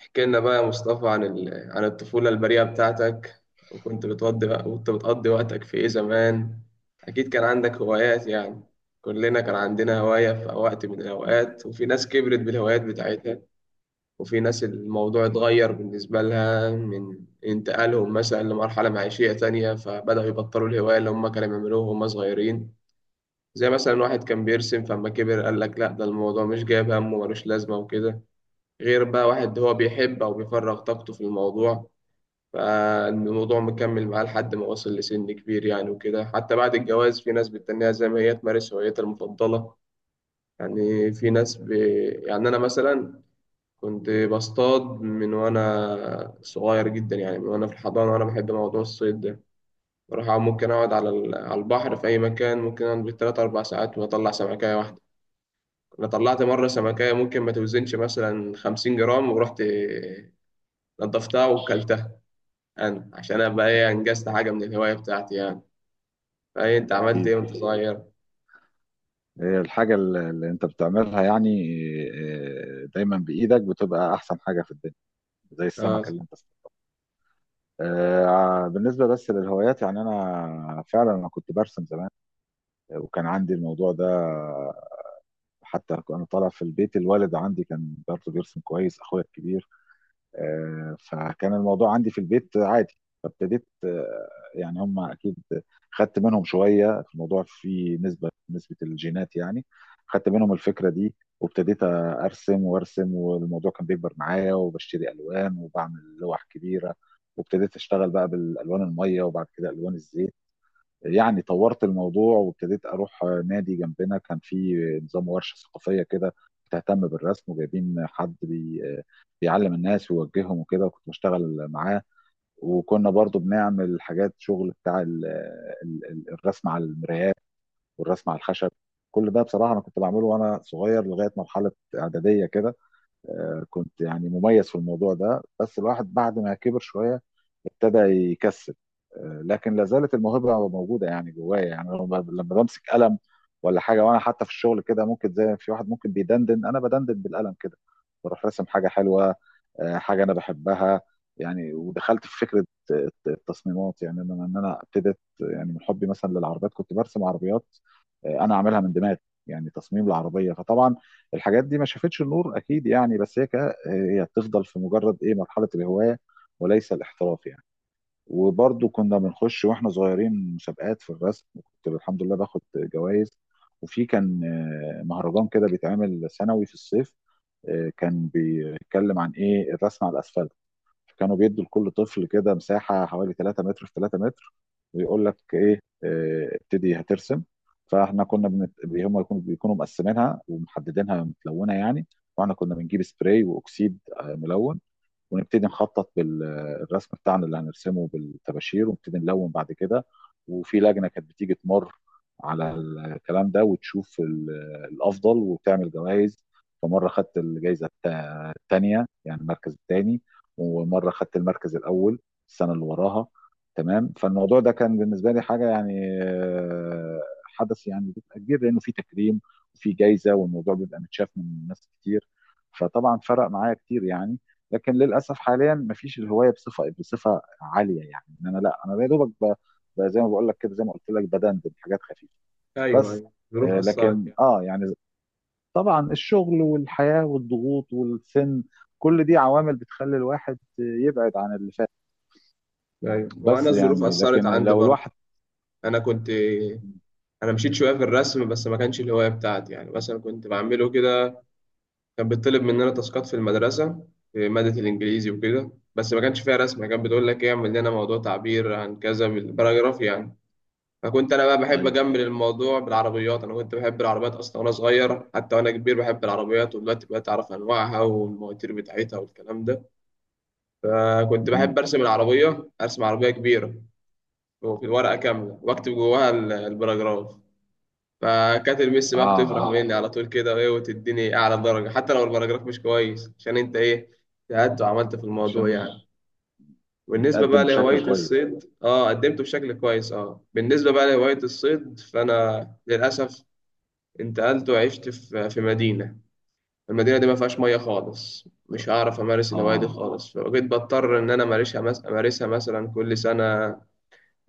احكي لنا بقى يا مصطفى عن الطفولة البريئة بتاعتك. وكنت بتقضي وقتك في إيه زمان؟ أكيد كان عندك هوايات يعني. كلنا كان عندنا هواية في وقت من الأوقات، وفي ناس كبرت بالهوايات بتاعتها، وفي ناس الموضوع اتغير بالنسبة لها من انتقالهم مثلا لمرحلة معيشية تانية، فبدأوا يبطلوا الهواية اللي هم كانوا بيعملوها وهم صغيرين. زي مثلا واحد كان بيرسم، فلما كبر قال لك لا ده الموضوع مش جايب همه ملوش لازمة وكده. غير بقى واحد هو بيحب أو بيفرغ طاقته في الموضوع، فالموضوع مكمل معاه لحد ما وصل لسن كبير يعني وكده. حتى بعد الجواز في ناس بتتنيها زي ما هي تمارس هوايتها المفضلة. يعني في ناس ب... يعني أنا مثلا كنت بصطاد من وأنا صغير جدا، يعني من وأنا في الحضانة، وأنا بحب موضوع الصيد ده. ممكن أقعد على على البحر في أي مكان. ممكن أقعد بالتلات أربع ساعات وأطلع سمكاية واحدة. أنا طلعت مرة سمكاية ممكن ما توزنش مثلا 50 جرام، ورحت نضفتها وكلتها. انا عشان ابقى ايه، انجزت حاجه من الهوايه بتاعتي يعني. فايه، انت عملت أكيد. ايه وانت صغير؟ هي الحاجة اللي أنت بتعملها يعني. دايما بإيدك بتبقى أحسن حاجة في الدنيا، زي السمكة اه، اللي أنت صنعتها. بالنسبة بس للهوايات، يعني أنا فعلا كنت برسم زمان، وكان عندي الموضوع ده. حتى أنا طالع في البيت، الوالد عندي كان برضه بيرسم كويس، أخويا الكبير. فكان الموضوع عندي في البيت عادي. فابتديت، يعني هم اكيد خدت منهم شويه في الموضوع، في نسبه الجينات يعني. خدت منهم الفكره دي وابتديت ارسم وارسم، والموضوع كان بيكبر معايا، وبشتري الوان وبعمل لوح كبيره. وابتديت اشتغل بقى بالالوان الميه، وبعد كده الوان الزيت. يعني طورت الموضوع، وابتديت اروح نادي جنبنا، كان في نظام ورشه ثقافيه كده بتهتم بالرسم، وجايبين حد بي بيعلم الناس ويوجههم وكده، وكنت بشتغل معاه. وكنا برضو بنعمل حاجات، شغل بتاع ال الرسم على المرايات والرسم على الخشب. كل ده بصراحه انا كنت بعمله وانا صغير لغايه مرحله اعداديه كده. كنت يعني مميز في الموضوع ده، بس الواحد بعد ما كبر شوية ابتدى يكسل. لكن لا زالت الموهبة موجودة يعني جوايا. يعني أنا لما بمسك قلم ولا حاجة، وأنا حتى في الشغل كده ممكن، زي في واحد ممكن بيدندن، أنا بدندن بالقلم كده، بروح راسم حاجة حلوة. حاجة أنا بحبها. يعني ودخلت في فكرة التصميمات، يعني أنا إن أنا ابتديت يعني من حبي مثلا للعربيات، كنت برسم عربيات. أنا عاملها من دماغي، يعني تصميم العربية. فطبعا الحاجات دي ما شافتش النور اكيد يعني، بس هي هي بتفضل في مجرد ايه، مرحله الهوايه وليس الاحتراف يعني. وبرضه كنا بنخش واحنا صغيرين مسابقات في الرسم، وكنت الحمد لله باخد جوائز. وفي كان مهرجان كده بيتعمل سنوي في الصيف. كان بيتكلم عن ايه، الرسم على الاسفلت. فكانوا بيدوا لكل طفل كده مساحة حوالي 3 متر في 3 متر، ويقول لك ايه، ابتدي هترسم. فاحنا كنا هم يكونوا بيكونوا مقسمينها ومحددينها متلونة يعني. واحنا كنا بنجيب سبراي واكسيد ملون، ونبتدي نخطط بالرسم بتاعنا اللي هنرسمه بالطباشير، ونبتدي نلون بعد كده. وفي لجنة كانت بتيجي تمر على الكلام ده، وتشوف الأفضل، وتعمل جوائز. فمرة خدت الجائزة الثانية، يعني المركز الثاني، ومرة خدت المركز الأول السنة اللي وراها. تمام. فالموضوع ده كان بالنسبة لي حاجة يعني، حدث يعني بيبقى كبير، لأنه في تكريم وفي جائزة، والموضوع بيبقى متشاف من ناس كتير. فطبعا فرق معايا كتير يعني. لكن للاسف حاليا مفيش الهوايه بصفه عاليه، يعني ان انا لا انا يا دوبك، زي ما بقول لك كده، زي ما قلت لك، بدندن حاجات خفيفه ايوه بس. ايوه، الظروف اثرت لكن يعني. اه يعني طبعا الشغل والحياه والضغوط والسن، كل دي عوامل بتخلي الواحد يبعد عن اللي فات. ايوه، وانا بس الظروف يعني اثرت لكن عندي لو برضه. الواحد. انا كنت انا مشيت شويه في الرسم، بس ما كانش الهوايه بتاعتي يعني. مثلا كنت بعمله كده، كان بيطلب مننا تاسكات في المدرسه في ماده الانجليزي وكده، بس ما كانش فيها رسم. كان بتقول لك ايه اعمل لنا موضوع تعبير عن كذا بالباراجراف يعني. فكنت انا بقى بحب ايوه ايوه. اجمل الموضوع بالعربيات. انا كنت بحب العربيات اصلا وانا صغير، حتى وانا كبير بحب العربيات، ودلوقتي بقيت اعرف انواعها والمواتير بتاعتها والكلام ده. فكنت مهم. بحب ارسم العربيه، ارسم عربيه كبيره وفي الورقه كامله واكتب جواها البراجراف. فكانت المس اه بقى بتفرح اه. مني على طول كده وايه، وتديني اعلى درجه حتى لو البراجراف مش كويس، عشان انت ايه اجتهدت وعملت في الموضوع عشان يعني. بالنسبة بقى نتقدم لهواية بشكل كويس. الصيد، اه قدمته بشكل كويس. اه، بالنسبة بقى لهواية الصيد، فأنا للأسف انتقلت وعشت في مدينة. المدينة دي ما فيهاش مية خالص، مش هعرف أمارس الهواية دي اه خالص. فبقيت بضطر إن أنا أمارسها مثلا كل سنة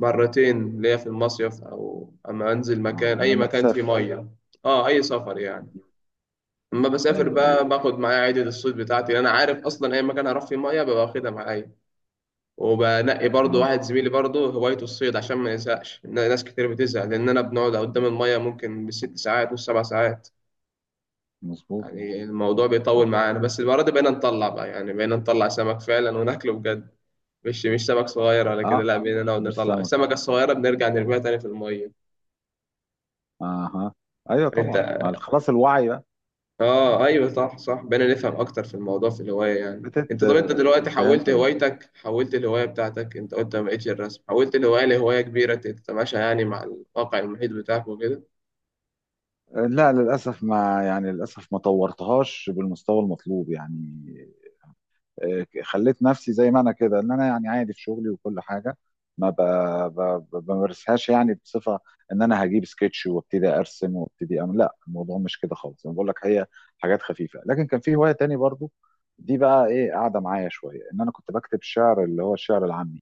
مرتين ليا في المصيف، أو أما أنزل اه، مكان، أي لما مكان فيه تسافر. مية. أه، أي سفر يعني. أما بسافر ايوه ايوه. بقى باخد معايا عدة الصيد بتاعتي. أنا عارف أصلا أي مكان هروح فيه مية ببقى واخدها معايا. وبنقي برضه اه واحد زميلي برضه هوايته الصيد، عشان ما يزهقش، إن ناس كتير بتزهق، لأن أنا بنقعد قدام المية ممكن بـ 6 ساعات و 7 ساعات. مظبوط. يعني الموضوع بيطول معانا. بس المرة دي بقينا نطلع بقى، يعني بقينا نطلع سمك فعلا وناكله بجد، مش سمك صغير ولا كده. اه لا بقينا نقعد مش نطلع سمك. السمكة الصغيرة بنرجع نرميها تاني في المية. اها. ايوه انت، طبعا، مع خلاص الوعي بقى. اه ايوه صح صح، بقينا نفهم اكتر في الموضوع في الهواية يعني. بتت انت، طب انت دلوقتي فهمت حولت هوايتك، حولت الهواية بتاعتك، انت قلت ما بقتش الرسم، حولت الهواية لهواية كبيرة تتماشى يعني مع الواقع المحيط بتاعك وكده. لا للاسف، ما يعني للاسف ما طورتهاش بالمستوى المطلوب يعني. خليت نفسي زي ما انا كده، ان انا يعني عادي في شغلي وكل حاجه. ما بمارسهاش يعني بصفه، ان انا هجيب سكتش وابتدي ارسم وابتدي اعمل، لا الموضوع مش كده خالص. انا بقول لك هي حاجات خفيفه. لكن كان في هوايه تاني برضو، دي بقى ايه قاعده معايا شويه، ان انا كنت بكتب شعر، اللي هو الشعر العامي.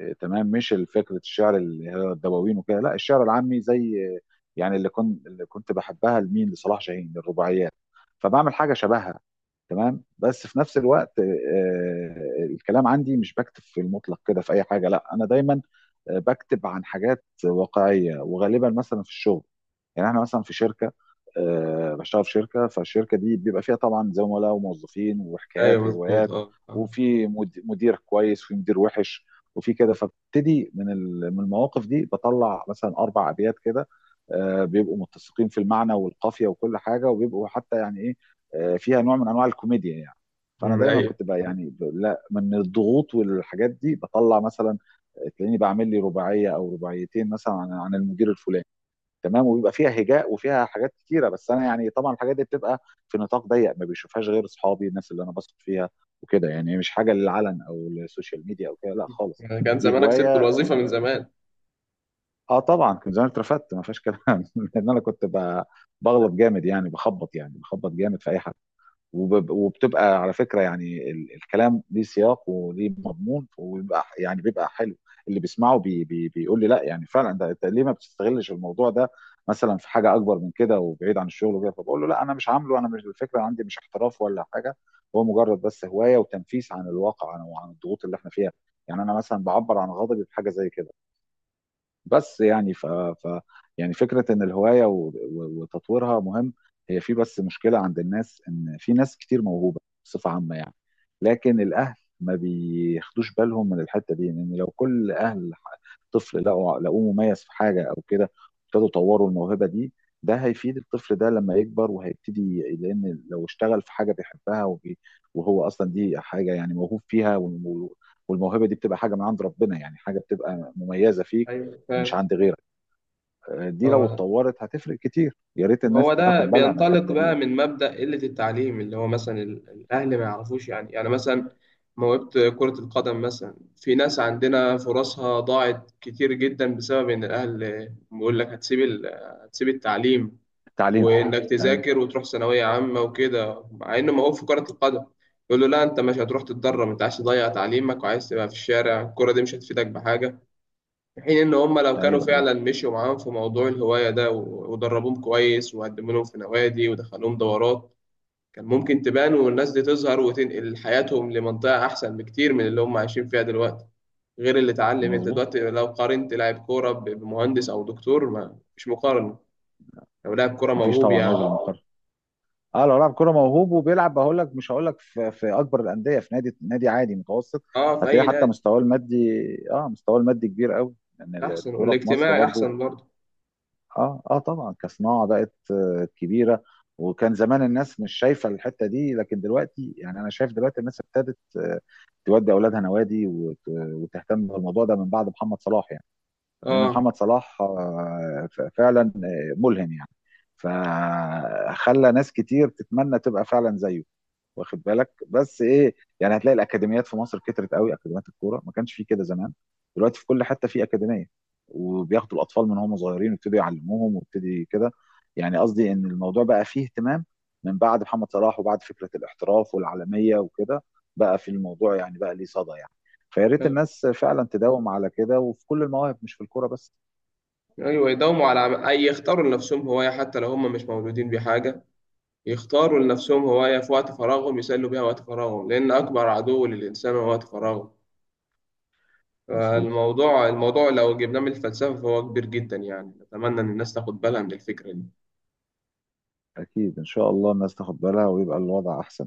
تمام. مش فكره الشعر اللي هي الدواوين وكده، لا الشعر العامي زي، يعني اللي كنت بحبها لمين، لصلاح جاهين، للرباعيات. فبعمل حاجه شبهها. تمام. بس في نفس الوقت الكلام عندي مش بكتب في المطلق كده في اي حاجه، لا انا دايما بكتب عن حاجات واقعيه، وغالبا مثلا في الشغل. يعني احنا مثلا في شركه، بشتغل في شركه، فالشركه دي بيبقى فيها طبعا زملاء وموظفين، ايوه، وحكايات مظبوط. وروايات، اه، آه. وفي مدير كويس وفي مدير وحش وفي كده. فابتدي من من المواقف دي بطلع مثلا اربع ابيات كده. بيبقوا متسقين في المعنى والقافيه وكل حاجه، وبيبقوا حتى يعني ايه، فيها نوع من انواع الكوميديا يعني. فانا أمم، دايما ايوه. كنت بقى يعني، لا من الضغوط والحاجات دي بطلع مثلا، تلاقيني بعمل لي رباعيه او رباعيتين مثلا عن المدير الفلاني. تمام. وبيبقى فيها هجاء وفيها حاجات كتيره. بس انا يعني طبعا الحاجات دي بتبقى في نطاق ضيق، ما بيشوفهاش غير اصحابي، الناس اللي انا بثق فيها وكده. يعني مش حاجه للعلن او للسوشيال ميديا او كده، لا خالص. يعني كان دي زمانك سبت هوايه. الوظيفة من زمان. اه طبعا، كنت زمان اترفدت ما فيهاش كلام لان انا كنت بغلط جامد يعني، بخبط يعني بخبط جامد في اي حاجه. وبتبقى على فكرة، يعني الكلام ليه سياق وليه مضمون، وبيبقى يعني بيبقى حلو. اللي بيسمعه بي بي بيقول لي لا يعني فعلا، ده انت ليه ما بتستغلش الموضوع ده، مثلا في حاجة أكبر من كده وبعيد عن الشغل وكده. فبقول له لا أنا مش عامله، أنا مش، الفكرة عندي مش احتراف ولا حاجة. هو مجرد بس هواية، وتنفيس عن الواقع وعن الضغوط اللي احنا فيها. يعني أنا مثلا بعبر عن غضبي بحاجة زي كده. بس يعني يعني فكرة إن الهواية وتطويرها مهم. هي في بس مشكلة عند الناس، إن في ناس كتير موهوبة بصفة عامة يعني. لكن الأهل ما بياخدوش بالهم من الحتة دي، لأن لو كل أهل طفل لقوه مميز في حاجة أو كده، ابتدوا يطوروا الموهبة دي. ده هيفيد الطفل ده لما يكبر، وهيبتدي، لأن لو اشتغل في حاجة بيحبها، وهو أصلا دي حاجة يعني موهوب فيها، والموهبة دي بتبقى حاجة من عند ربنا، يعني حاجة بتبقى مميزة فيك ايوه، فاهم. مش عند غيرك. دي لو اه، اتطورت هتفرق كتير، يا ريت ما الناس هو ده تاخد بالها من بينطلق الحته دي بقى يعني. من مبدأ قلة التعليم، اللي هو مثلا الأهل ما يعرفوش يعني. يعني مثلا موهبة كرة القدم مثلا، في ناس عندنا فرصها ضاعت كتير جدا بسبب إن الأهل بيقول لك هتسيب التعليم التعليم. وإنك ايوه تذاكر وتروح ثانوية عامة وكده، مع إنه موهوب في كرة القدم. يقول له لا، أنت مش هتروح تتدرب، أنت عايز تضيع تعليمك وعايز تبقى في الشارع، الكرة دي مش هتفيدك بحاجة. في حين إن هم لو كانوا ايوه. ايوه فعلا مشوا معاهم في موضوع الهواية ده ودربوهم كويس وقدموا لهم في نوادي ودخلوهم دورات، كان ممكن تبان والناس دي تظهر وتنقل حياتهم لمنطقة أحسن بكتير من اللي هم عايشين فيها دلوقتي. غير اللي اتعلم. أنت مظبوط. دلوقتي لو قارنت لاعب كورة بمهندس أو دكتور، ما مش مقارنة لو لاعب كورة مفيش موهوب طبعا يعني. وجه للمقارنه. اه لو لاعب كوره موهوب وبيلعب، هقول لك مش هقول لك في اكبر الانديه، في نادي عادي متوسط، أه، في هتلاقيه أي حتى نادي. مستواه المادي. اه مستواه المادي كبير قوي، لان يعني أحسن، الكوره في مصر والاجتماعي برضو، أحسن برضه. اه اه طبعا كصناعه بقت كبيره. وكان زمان الناس مش شايفه الحته دي، لكن دلوقتي يعني انا شايف دلوقتي الناس ابتدت تودي اولادها نوادي، وتهتم بالموضوع ده من بعد محمد صلاح يعني. لان أه، محمد صلاح فعلا ملهم يعني، فخلى ناس كتير تتمنى تبقى فعلا زيه. واخد بالك، بس ايه، يعني هتلاقي الاكاديميات في مصر كترت قوي، اكاديميات الكوره ما كانش في كده زمان، دلوقتي في كل حته في اكاديميه، وبياخدوا الاطفال من هم صغيرين ويبتدوا يعلموهم ويبتدي كده. يعني قصدي ان الموضوع بقى فيه اهتمام من بعد محمد صلاح، وبعد فكره الاحتراف والعالميه وكده، بقى في الموضوع، يعني بقى ليه صدى يعني. فيا ريت أيوه. الناس فعلا تداوم على كده، وفي كل المواهب مش في الكوره بس. أيوة. يداوموا على أي يختاروا لنفسهم هواية حتى لو هم مش مولودين بحاجة. يختاروا لنفسهم هواية في وقت فراغهم يسلوا بيها وقت فراغهم، لأن أكبر عدو للإنسان هو وقت فراغه. مظبوط. فالموضوع لو جبناه من الفلسفة فهو كبير جدا يعني. نتمنى إن الناس تاخد بالها من الفكرة دي. اكيد ان شاء الله الناس تاخد بالها، ويبقى الوضع احسن.